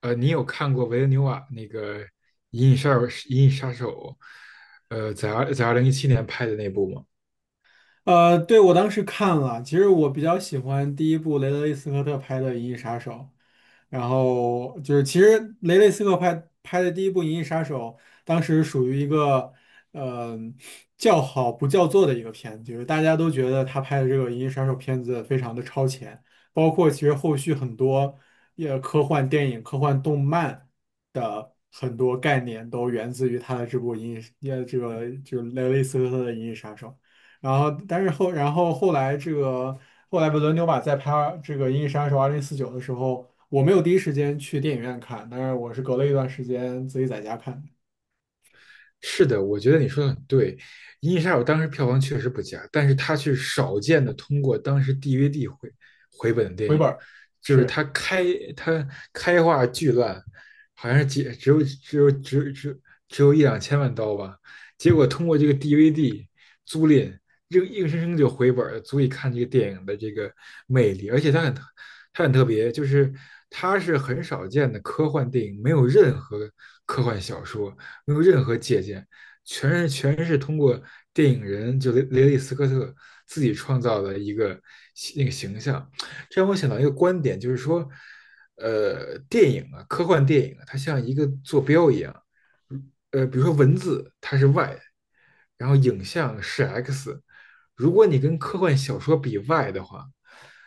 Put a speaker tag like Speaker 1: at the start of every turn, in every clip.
Speaker 1: 你有看过维伦纽瓦那个《银翼杀手》在2017年拍的那部吗？
Speaker 2: 对，我当时看了，其实我比较喜欢第一部雷德利·斯科特拍的《银翼杀手》。然后就是其实雷斯科特拍的第一部《银翼杀手》，当时属于一个呃叫好不叫座的一个片子，就是大家都觉得他拍的这个《银翼杀手》片子非常的超前，包括其实后续很多也科幻电影、科幻动漫的很多概念都源自于他的这部《银翼》也这个就是雷斯科特的《银翼杀手》。然后，但是后，然后后来这个后来维伦纽瓦在拍这个《银翼杀手二零四九》的时候，我没有第一时间去电影院看，但是我是隔了一段时间自己在家看的。
Speaker 1: 是的，我觉得你说的很对，《银翼杀手》当时票房确实不佳，但是它却少见的通过当时 DVD 回本的电
Speaker 2: 回本
Speaker 1: 影，
Speaker 2: 儿。
Speaker 1: 就是
Speaker 2: 是。
Speaker 1: 它开画巨烂，好像是几只有只有只有只有只有一两千万刀吧，结果通过这个 DVD 租赁，硬生生就回本了，足以看这个电影的这个魅力，而且它很特别，就是它是很少见的科幻电影，没有任何科幻小说。没有任何借鉴，全是通过电影人就雷利斯科特自己创造的一个那个形象。这让我想到一个观点，就是说，电影啊，科幻电影啊，它像一个坐标一样，比如说文字它是 y，然后影像是 x。如果你跟科幻小说比 y 的话，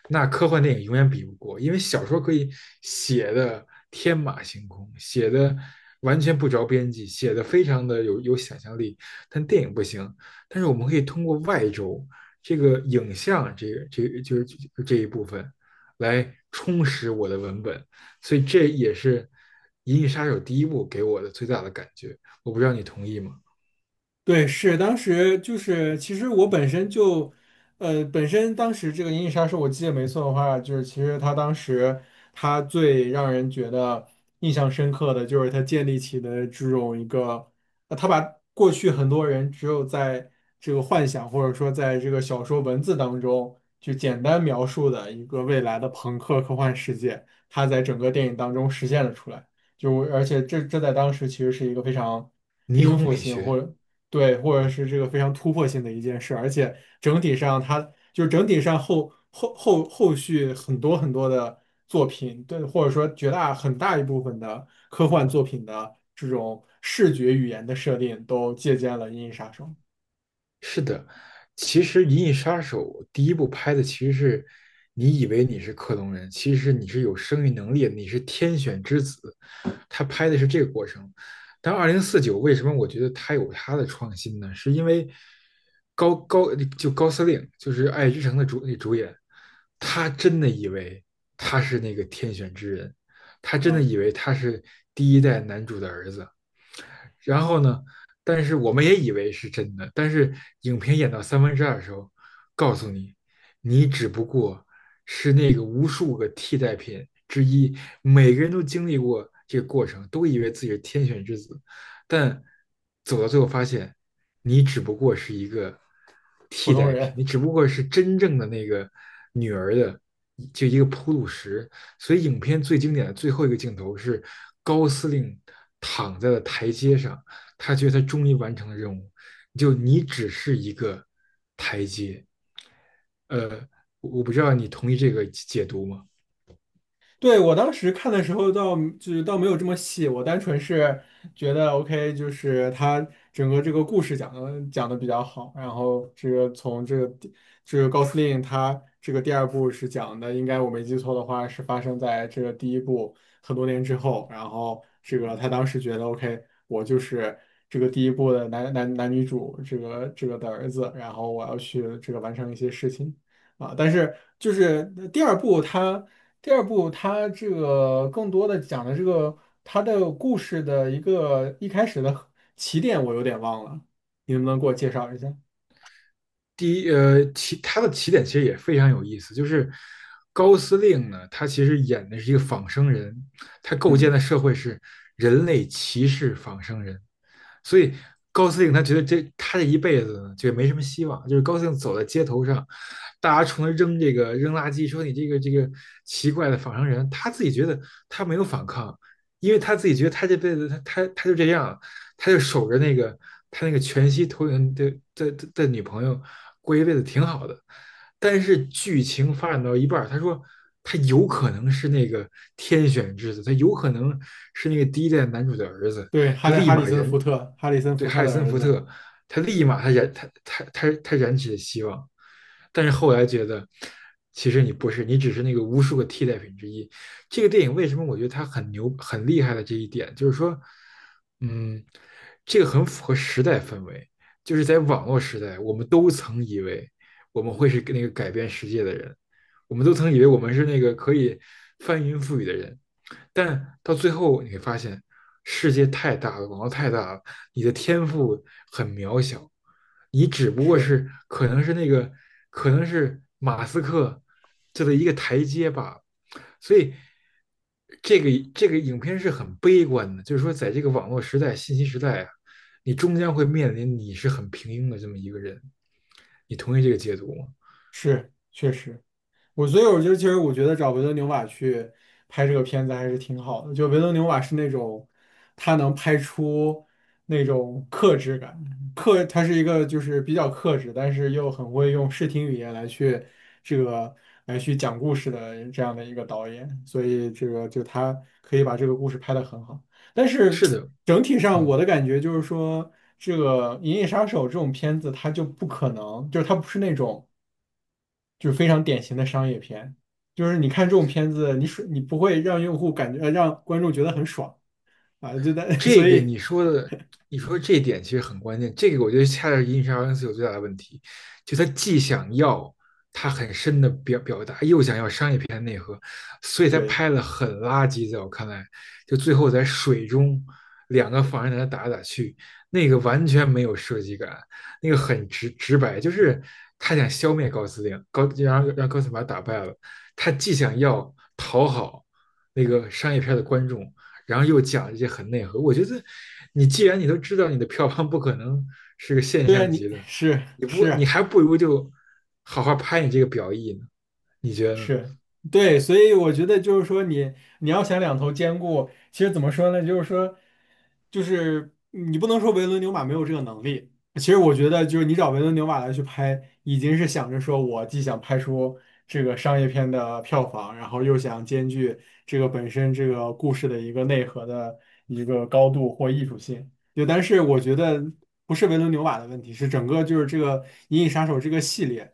Speaker 1: 那科幻电影永远比不过，因为小说可以写的天马行空，写的完全不着边际，写的非常的有想象力，但电影不行。但是我们可以通过外周这个影像，这个就是这一部分来充实我的文本，所以这也是《银翼杀手》第一部给我的最大的感觉。我不知道你同意吗？
Speaker 2: 对，是当时就是，其实我本身就，本身当时这个《银翼杀手》，我记得没错的话，就是其实他当时他最让人觉得印象深刻的就是他建立起的这种一个，他把过去很多人只有在这个幻想或者说在这个小说文字当中就简单描述的一个未来的朋克科幻世界，他在整个电影当中实现了出来。就而且这在当时其实是一个非常
Speaker 1: 霓
Speaker 2: 颠
Speaker 1: 虹
Speaker 2: 覆
Speaker 1: 美
Speaker 2: 性或
Speaker 1: 学。
Speaker 2: 者对，或者是这个非常突破性的一件事，而且整体上它就是整体上后续很多的作品，对，或者说绝大很大一部分的科幻作品的这种视觉语言的设定，都借鉴了《银翼杀手》
Speaker 1: 是的，其实《银翼杀手》第一部拍的其实是你以为你是克隆人，其实你是有生育能力的，你是天选之子。他拍的是这个过程。但2049为什么我觉得他有他的创新呢？是因为高司令，就是《爱之城》的主演，他真的以为他是那个天选之人，他真的
Speaker 2: 啊，
Speaker 1: 以为他是第一代男主的儿子，然后呢，但是我们也以为是真的，但是影片演到三分之二的时候，告诉你，你只不过是那个无数个替代品之一，每个人都经历过这个过程，都以为自己是天选之子，但走到最后发现，你只不过是一个
Speaker 2: 普
Speaker 1: 替
Speaker 2: 通
Speaker 1: 代品，
Speaker 2: 人。
Speaker 1: 你只不过是真正的那个女儿的就一个铺路石。所以，影片最经典的最后一个镜头是高司令躺在了台阶上，他觉得他终于完成了任务。就你只是一个台阶，呃，我不知道你同意这个解读吗？
Speaker 2: 对，我当时看的时候倒就是倒没有这么细，我单纯是觉得 OK,就是他整个这个故事讲的比较好，然后这个从这个第这个高司令他这个第二部是讲的，应该我没记错的话是发生在这个第一部很多年之后，然后这个他当时觉得 OK,我就是这个第一部的男男男女主这个的儿子，然后我要去这个完成一些事情。啊，但是就是第二部他。第二部它这个更多的讲的这个它的故事的一个一开始的 起点，我有点忘了，你能不能给我介绍一下？
Speaker 1: 第一，他的起点其实也非常有意思，就是高司令呢，他其实演的是一个仿生人，他构建
Speaker 2: 嗯。
Speaker 1: 的社会是人类歧视仿生人，所以高司令他觉得这一辈子就没什么希望，就是高司令走在街头上，大家冲他扔这个扔垃圾，说你这个奇怪的仿生人，他自己觉得他没有反抗，因为他自己觉得他这辈子他就这样，他就守着那个他那个全息投影的女朋友过一辈子挺好的，但是剧情发展到一半他说。他有可能是那个天选之子，他有可能是那个第一代男主的儿子。
Speaker 2: 对，
Speaker 1: 他立
Speaker 2: 哈里
Speaker 1: 马
Speaker 2: 森
Speaker 1: 燃
Speaker 2: 福特，哈里森
Speaker 1: 对
Speaker 2: 福
Speaker 1: 哈
Speaker 2: 特
Speaker 1: 里
Speaker 2: 的
Speaker 1: 森
Speaker 2: 儿
Speaker 1: 福
Speaker 2: 子。
Speaker 1: 特。他立马他燃他他他他燃起了希望，但是后来觉得其实你不是，你只是那个无数个替代品之一。这个电影为什么我觉得它很牛很厉害的这一点，就是说，嗯，这个很符合时代氛围，就是在网络时代，我们都曾以为我们会是那个改变世界的人。我们都曾以为我们是那个可以翻云覆雨的人，但是到最后你会发现，世界太大了，网络太大了，你的天赋很渺小，你只不过
Speaker 2: 是。
Speaker 1: 是可能是马斯克这的一个台阶吧。所以这个影片是很悲观的，就是说在这个网络时代、信息时代啊，你终将会面临你是很平庸的这么一个人。你同意这个解读吗？
Speaker 2: 是确实。我所以我就其实我觉得找维伦纽瓦去拍这个片子还是挺好的。就维伦纽瓦是那种他能拍出那种克制感，克他是一个就是比较克制，但是又很会用视听语言来去这个来去讲故事的这样的一个导演。所以这个就他可以把这个故事拍得很好。但是
Speaker 1: 是的。
Speaker 2: 整体上我
Speaker 1: 嗯。
Speaker 2: 的感觉就是说，这个《银翼杀手》这种片子它就不可能，就是它不是那种。就是非常典型的商业片，就是你看这种片子，你爽，你不会让用户感觉，让观众觉得很爽啊，就在，
Speaker 1: 这
Speaker 2: 所
Speaker 1: 个
Speaker 2: 以
Speaker 1: 你说的，你说这点其实很关键。这个我觉得恰恰是《银翼杀恩斯》有最大的问题，就他既想要他很深的表达，又想要商业片内核，所以他
Speaker 2: 对
Speaker 1: 拍的很垃圾。在我看来，就最后在水中两个仿生人在那打来打去，那个完全没有设计感，那个很直白，就是他想消灭高司令，然后让高司令把他打败了，他既想要讨好那个商业片的观众。然后又讲一些很内核。我觉得，你既然你都知道你的票房不可能是个现
Speaker 2: 对啊，
Speaker 1: 象
Speaker 2: 你
Speaker 1: 级的，
Speaker 2: 是。
Speaker 1: 你
Speaker 2: 是。
Speaker 1: 还不如就好好拍你这个表意呢？你觉得呢？
Speaker 2: 是。对，所以我觉得就是说你你要想两头兼顾，其实怎么说呢？就是说，就是你不能说维伦纽瓦没有这个能力。其实我觉得就是你找维伦纽瓦来去拍，已经是想着说我既想拍出这个商业片的票房，然后又想兼具这个本身这个故事的一个内核的一个高度或艺术性。对，但是我觉得不是维伦纽瓦的问题，是整个就是这个《银翼杀手》这个系列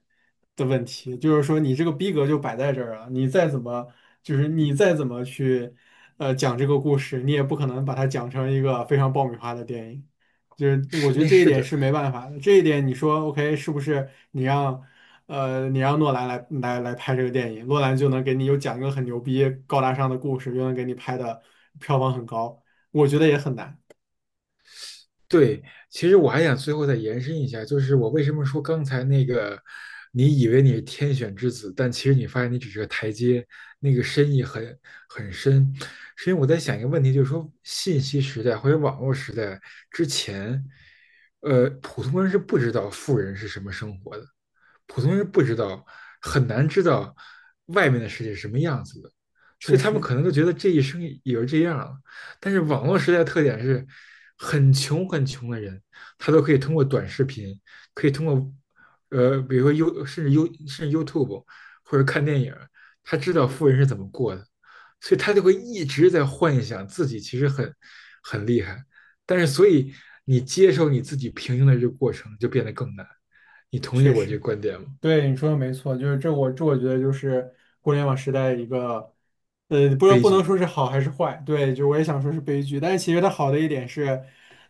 Speaker 2: 的问题。就是说，你这个逼格就摆在这儿了，你再怎么就是你再怎么去讲这个故事，你也不可能把它讲成一个非常爆米花的电影。就是我
Speaker 1: 是
Speaker 2: 觉得
Speaker 1: 那
Speaker 2: 这一
Speaker 1: 是
Speaker 2: 点
Speaker 1: 的，
Speaker 2: 是没办法的，这一点你说 OK 是不是你让你让诺兰来拍这个电影，诺兰就能给你又讲一个很牛逼高大上的故事，又能给你拍的票房很高，我觉得也很难。
Speaker 1: 对，其实我还想最后再延伸一下，就是我为什么说刚才那个，你以为你是天选之子，但其实你发现你只是个台阶，那个深意很深，是因为我在想一个问题，就是说信息时代或者网络时代之前，普通人是不知道富人是什么生活的，普通人不知道，很难知道外面的世界是什么样子的，所
Speaker 2: 确
Speaker 1: 以他们
Speaker 2: 实。
Speaker 1: 可能就觉得这一生也就这样了。但是网络时代的特点是，很穷很穷的人，他都可以通过短视频，可以通过，比如说 y u 甚至 y u 甚至 YouTube 或者看电影，他知道富人是怎么过的，所以他就会一直在幻想自己其实很厉害，但是所以你接受你自己平庸的这个过程就变得更难。你同意
Speaker 2: 确
Speaker 1: 我这个
Speaker 2: 实，
Speaker 1: 观点吗？
Speaker 2: 对你说的没错，就是这我这我觉得就是互联网时代一个，不知道
Speaker 1: 悲
Speaker 2: 不能
Speaker 1: 剧。
Speaker 2: 说是好还是坏，对，就我也想说是悲剧，但是其实它好的一点是，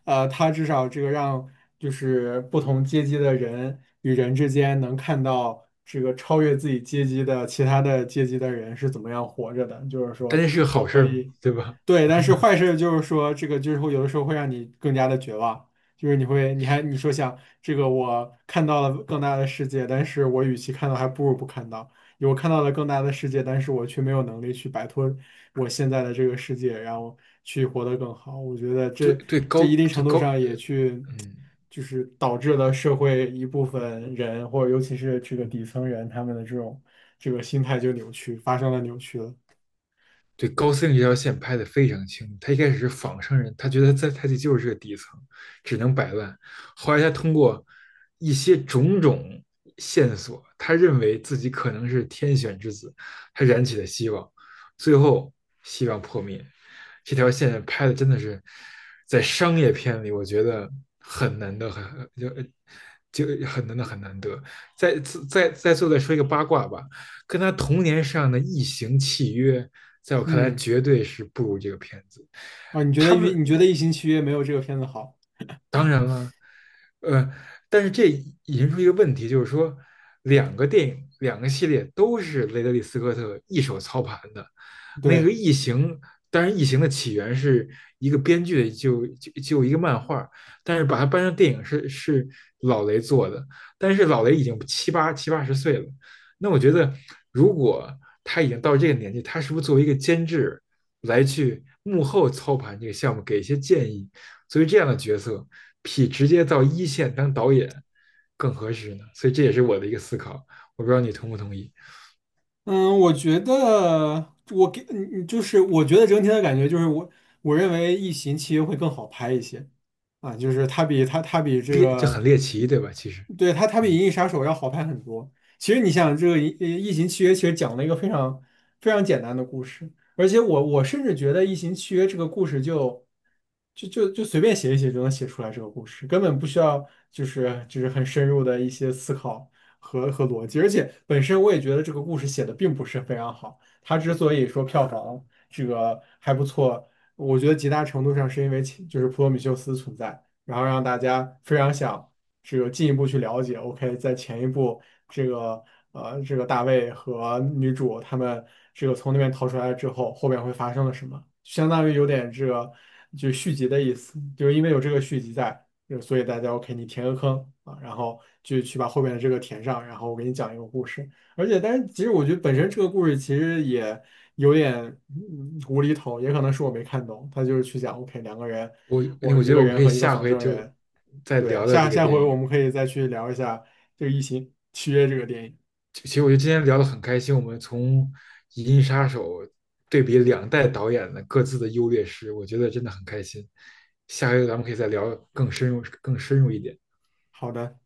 Speaker 2: 它至少这个让就是不同阶级的人与人之间能看到这个超越自己阶级的其他的阶级的人是怎么样活着的，就是
Speaker 1: 但
Speaker 2: 说
Speaker 1: 这是个好
Speaker 2: 我
Speaker 1: 事
Speaker 2: 可
Speaker 1: 儿吗？
Speaker 2: 以，
Speaker 1: 对吧？
Speaker 2: 对，但是坏事就是说这个就是会有的时候会让你更加的绝望。就是你会，你还你说想这个，我看到了更大的世界，但是我与其看到，还不如不看到。我看到了更大的世界，但是我却没有能力去摆脱我现在的这个世界，然后去活得更好。我觉得
Speaker 1: 对
Speaker 2: 这
Speaker 1: 对
Speaker 2: 这
Speaker 1: 高
Speaker 2: 一定程
Speaker 1: 对
Speaker 2: 度
Speaker 1: 高，
Speaker 2: 上也去
Speaker 1: 嗯。
Speaker 2: 就是导致了社会一部分人，或者尤其是这个底层人，他们的这种这个心态就扭曲，发生了扭曲了。
Speaker 1: 对高司令这条线拍得非常清楚。他一开始是仿生人，他觉得在他自己就是这个底层，只能摆烂。后来他通过一些种种线索，他认为自己可能是天选之子，他燃起了希望，最后希望破灭。这条线拍的真的是在商业片里，我觉得很难得，很就就很难得，很难得。再再再最后再说一个八卦吧，跟他同年上的《异形契约》，在我看来
Speaker 2: 嗯。
Speaker 1: 绝对是不如这个片子。
Speaker 2: 啊，
Speaker 1: 他们
Speaker 2: 你觉得《异形契约》没有这个片子好？
Speaker 1: 当然。呃，但是这引申出一个问题，就是说，两个电影、两个系列都是雷德利·斯科特一手操盘的。那个
Speaker 2: 对。
Speaker 1: 《异形》，当然，《异形》的起源是一个编剧的就就就一个漫画，但是把它搬成电影是老雷做的。但是老雷已经七八十岁了，那我觉得，如果他已经到这个年纪，他是不是作为一个监制来去幕后操盘这个项目，给一些建议？作为这样的角色，比直接到一线当导演更合适呢？所以这也是我的一个思考，我不知道你同不同意。
Speaker 2: 嗯，我觉得我给你就是我觉得整体的感觉就是我我认为《异形》契约》会更好拍一些啊，就是它比它它比这个，
Speaker 1: 很猎奇，对吧？其实，
Speaker 2: 对它它比
Speaker 1: 嗯，
Speaker 2: 《银翼杀手》要好拍很多。其实你想，这个异形契约》其实讲了一个非常非常简单的故事，而且我我甚至觉得《异形契约》这个故事就随便写一写就能写出来这个故事，根本不需要就是就是很深入的一些思考。和和逻辑，而且本身我也觉得这个故事写的并不是非常好。它之所以说票房这个还不错，我觉得极大程度上是因为其就是普罗米修斯存在，然后让大家非常想这个进一步去了解。OK,在前一部这个这个大卫和女主他们这个从那边逃出来之后，后面会发生了什么，相当于有点这个就续集的意思，就是因为有这个续集在。就所以大家 OK,你填个坑啊，然后去把后面的这个填上，然后我给你讲一个故事。而且，但是其实我觉得本身这个故事其实也有点嗯无厘头，也可能是我没看懂。他就是去讲 OK,两个人，
Speaker 1: 我
Speaker 2: 我
Speaker 1: 我
Speaker 2: 一
Speaker 1: 觉得
Speaker 2: 个
Speaker 1: 我们
Speaker 2: 人
Speaker 1: 可以
Speaker 2: 和一个
Speaker 1: 下
Speaker 2: 仿
Speaker 1: 回
Speaker 2: 生
Speaker 1: 就
Speaker 2: 人。
Speaker 1: 再
Speaker 2: 对，
Speaker 1: 聊聊这
Speaker 2: 下
Speaker 1: 个
Speaker 2: 下回
Speaker 1: 电
Speaker 2: 我
Speaker 1: 影。
Speaker 2: 们可以再去聊一下这个《异形契约》这个电影。
Speaker 1: 其实我觉得今天聊的很开心，我们从《银翼杀手》对比两代导演的各自的优劣势，我觉得真的很开心。下回咱们可以再聊更深入、更深入一点。
Speaker 2: 好的。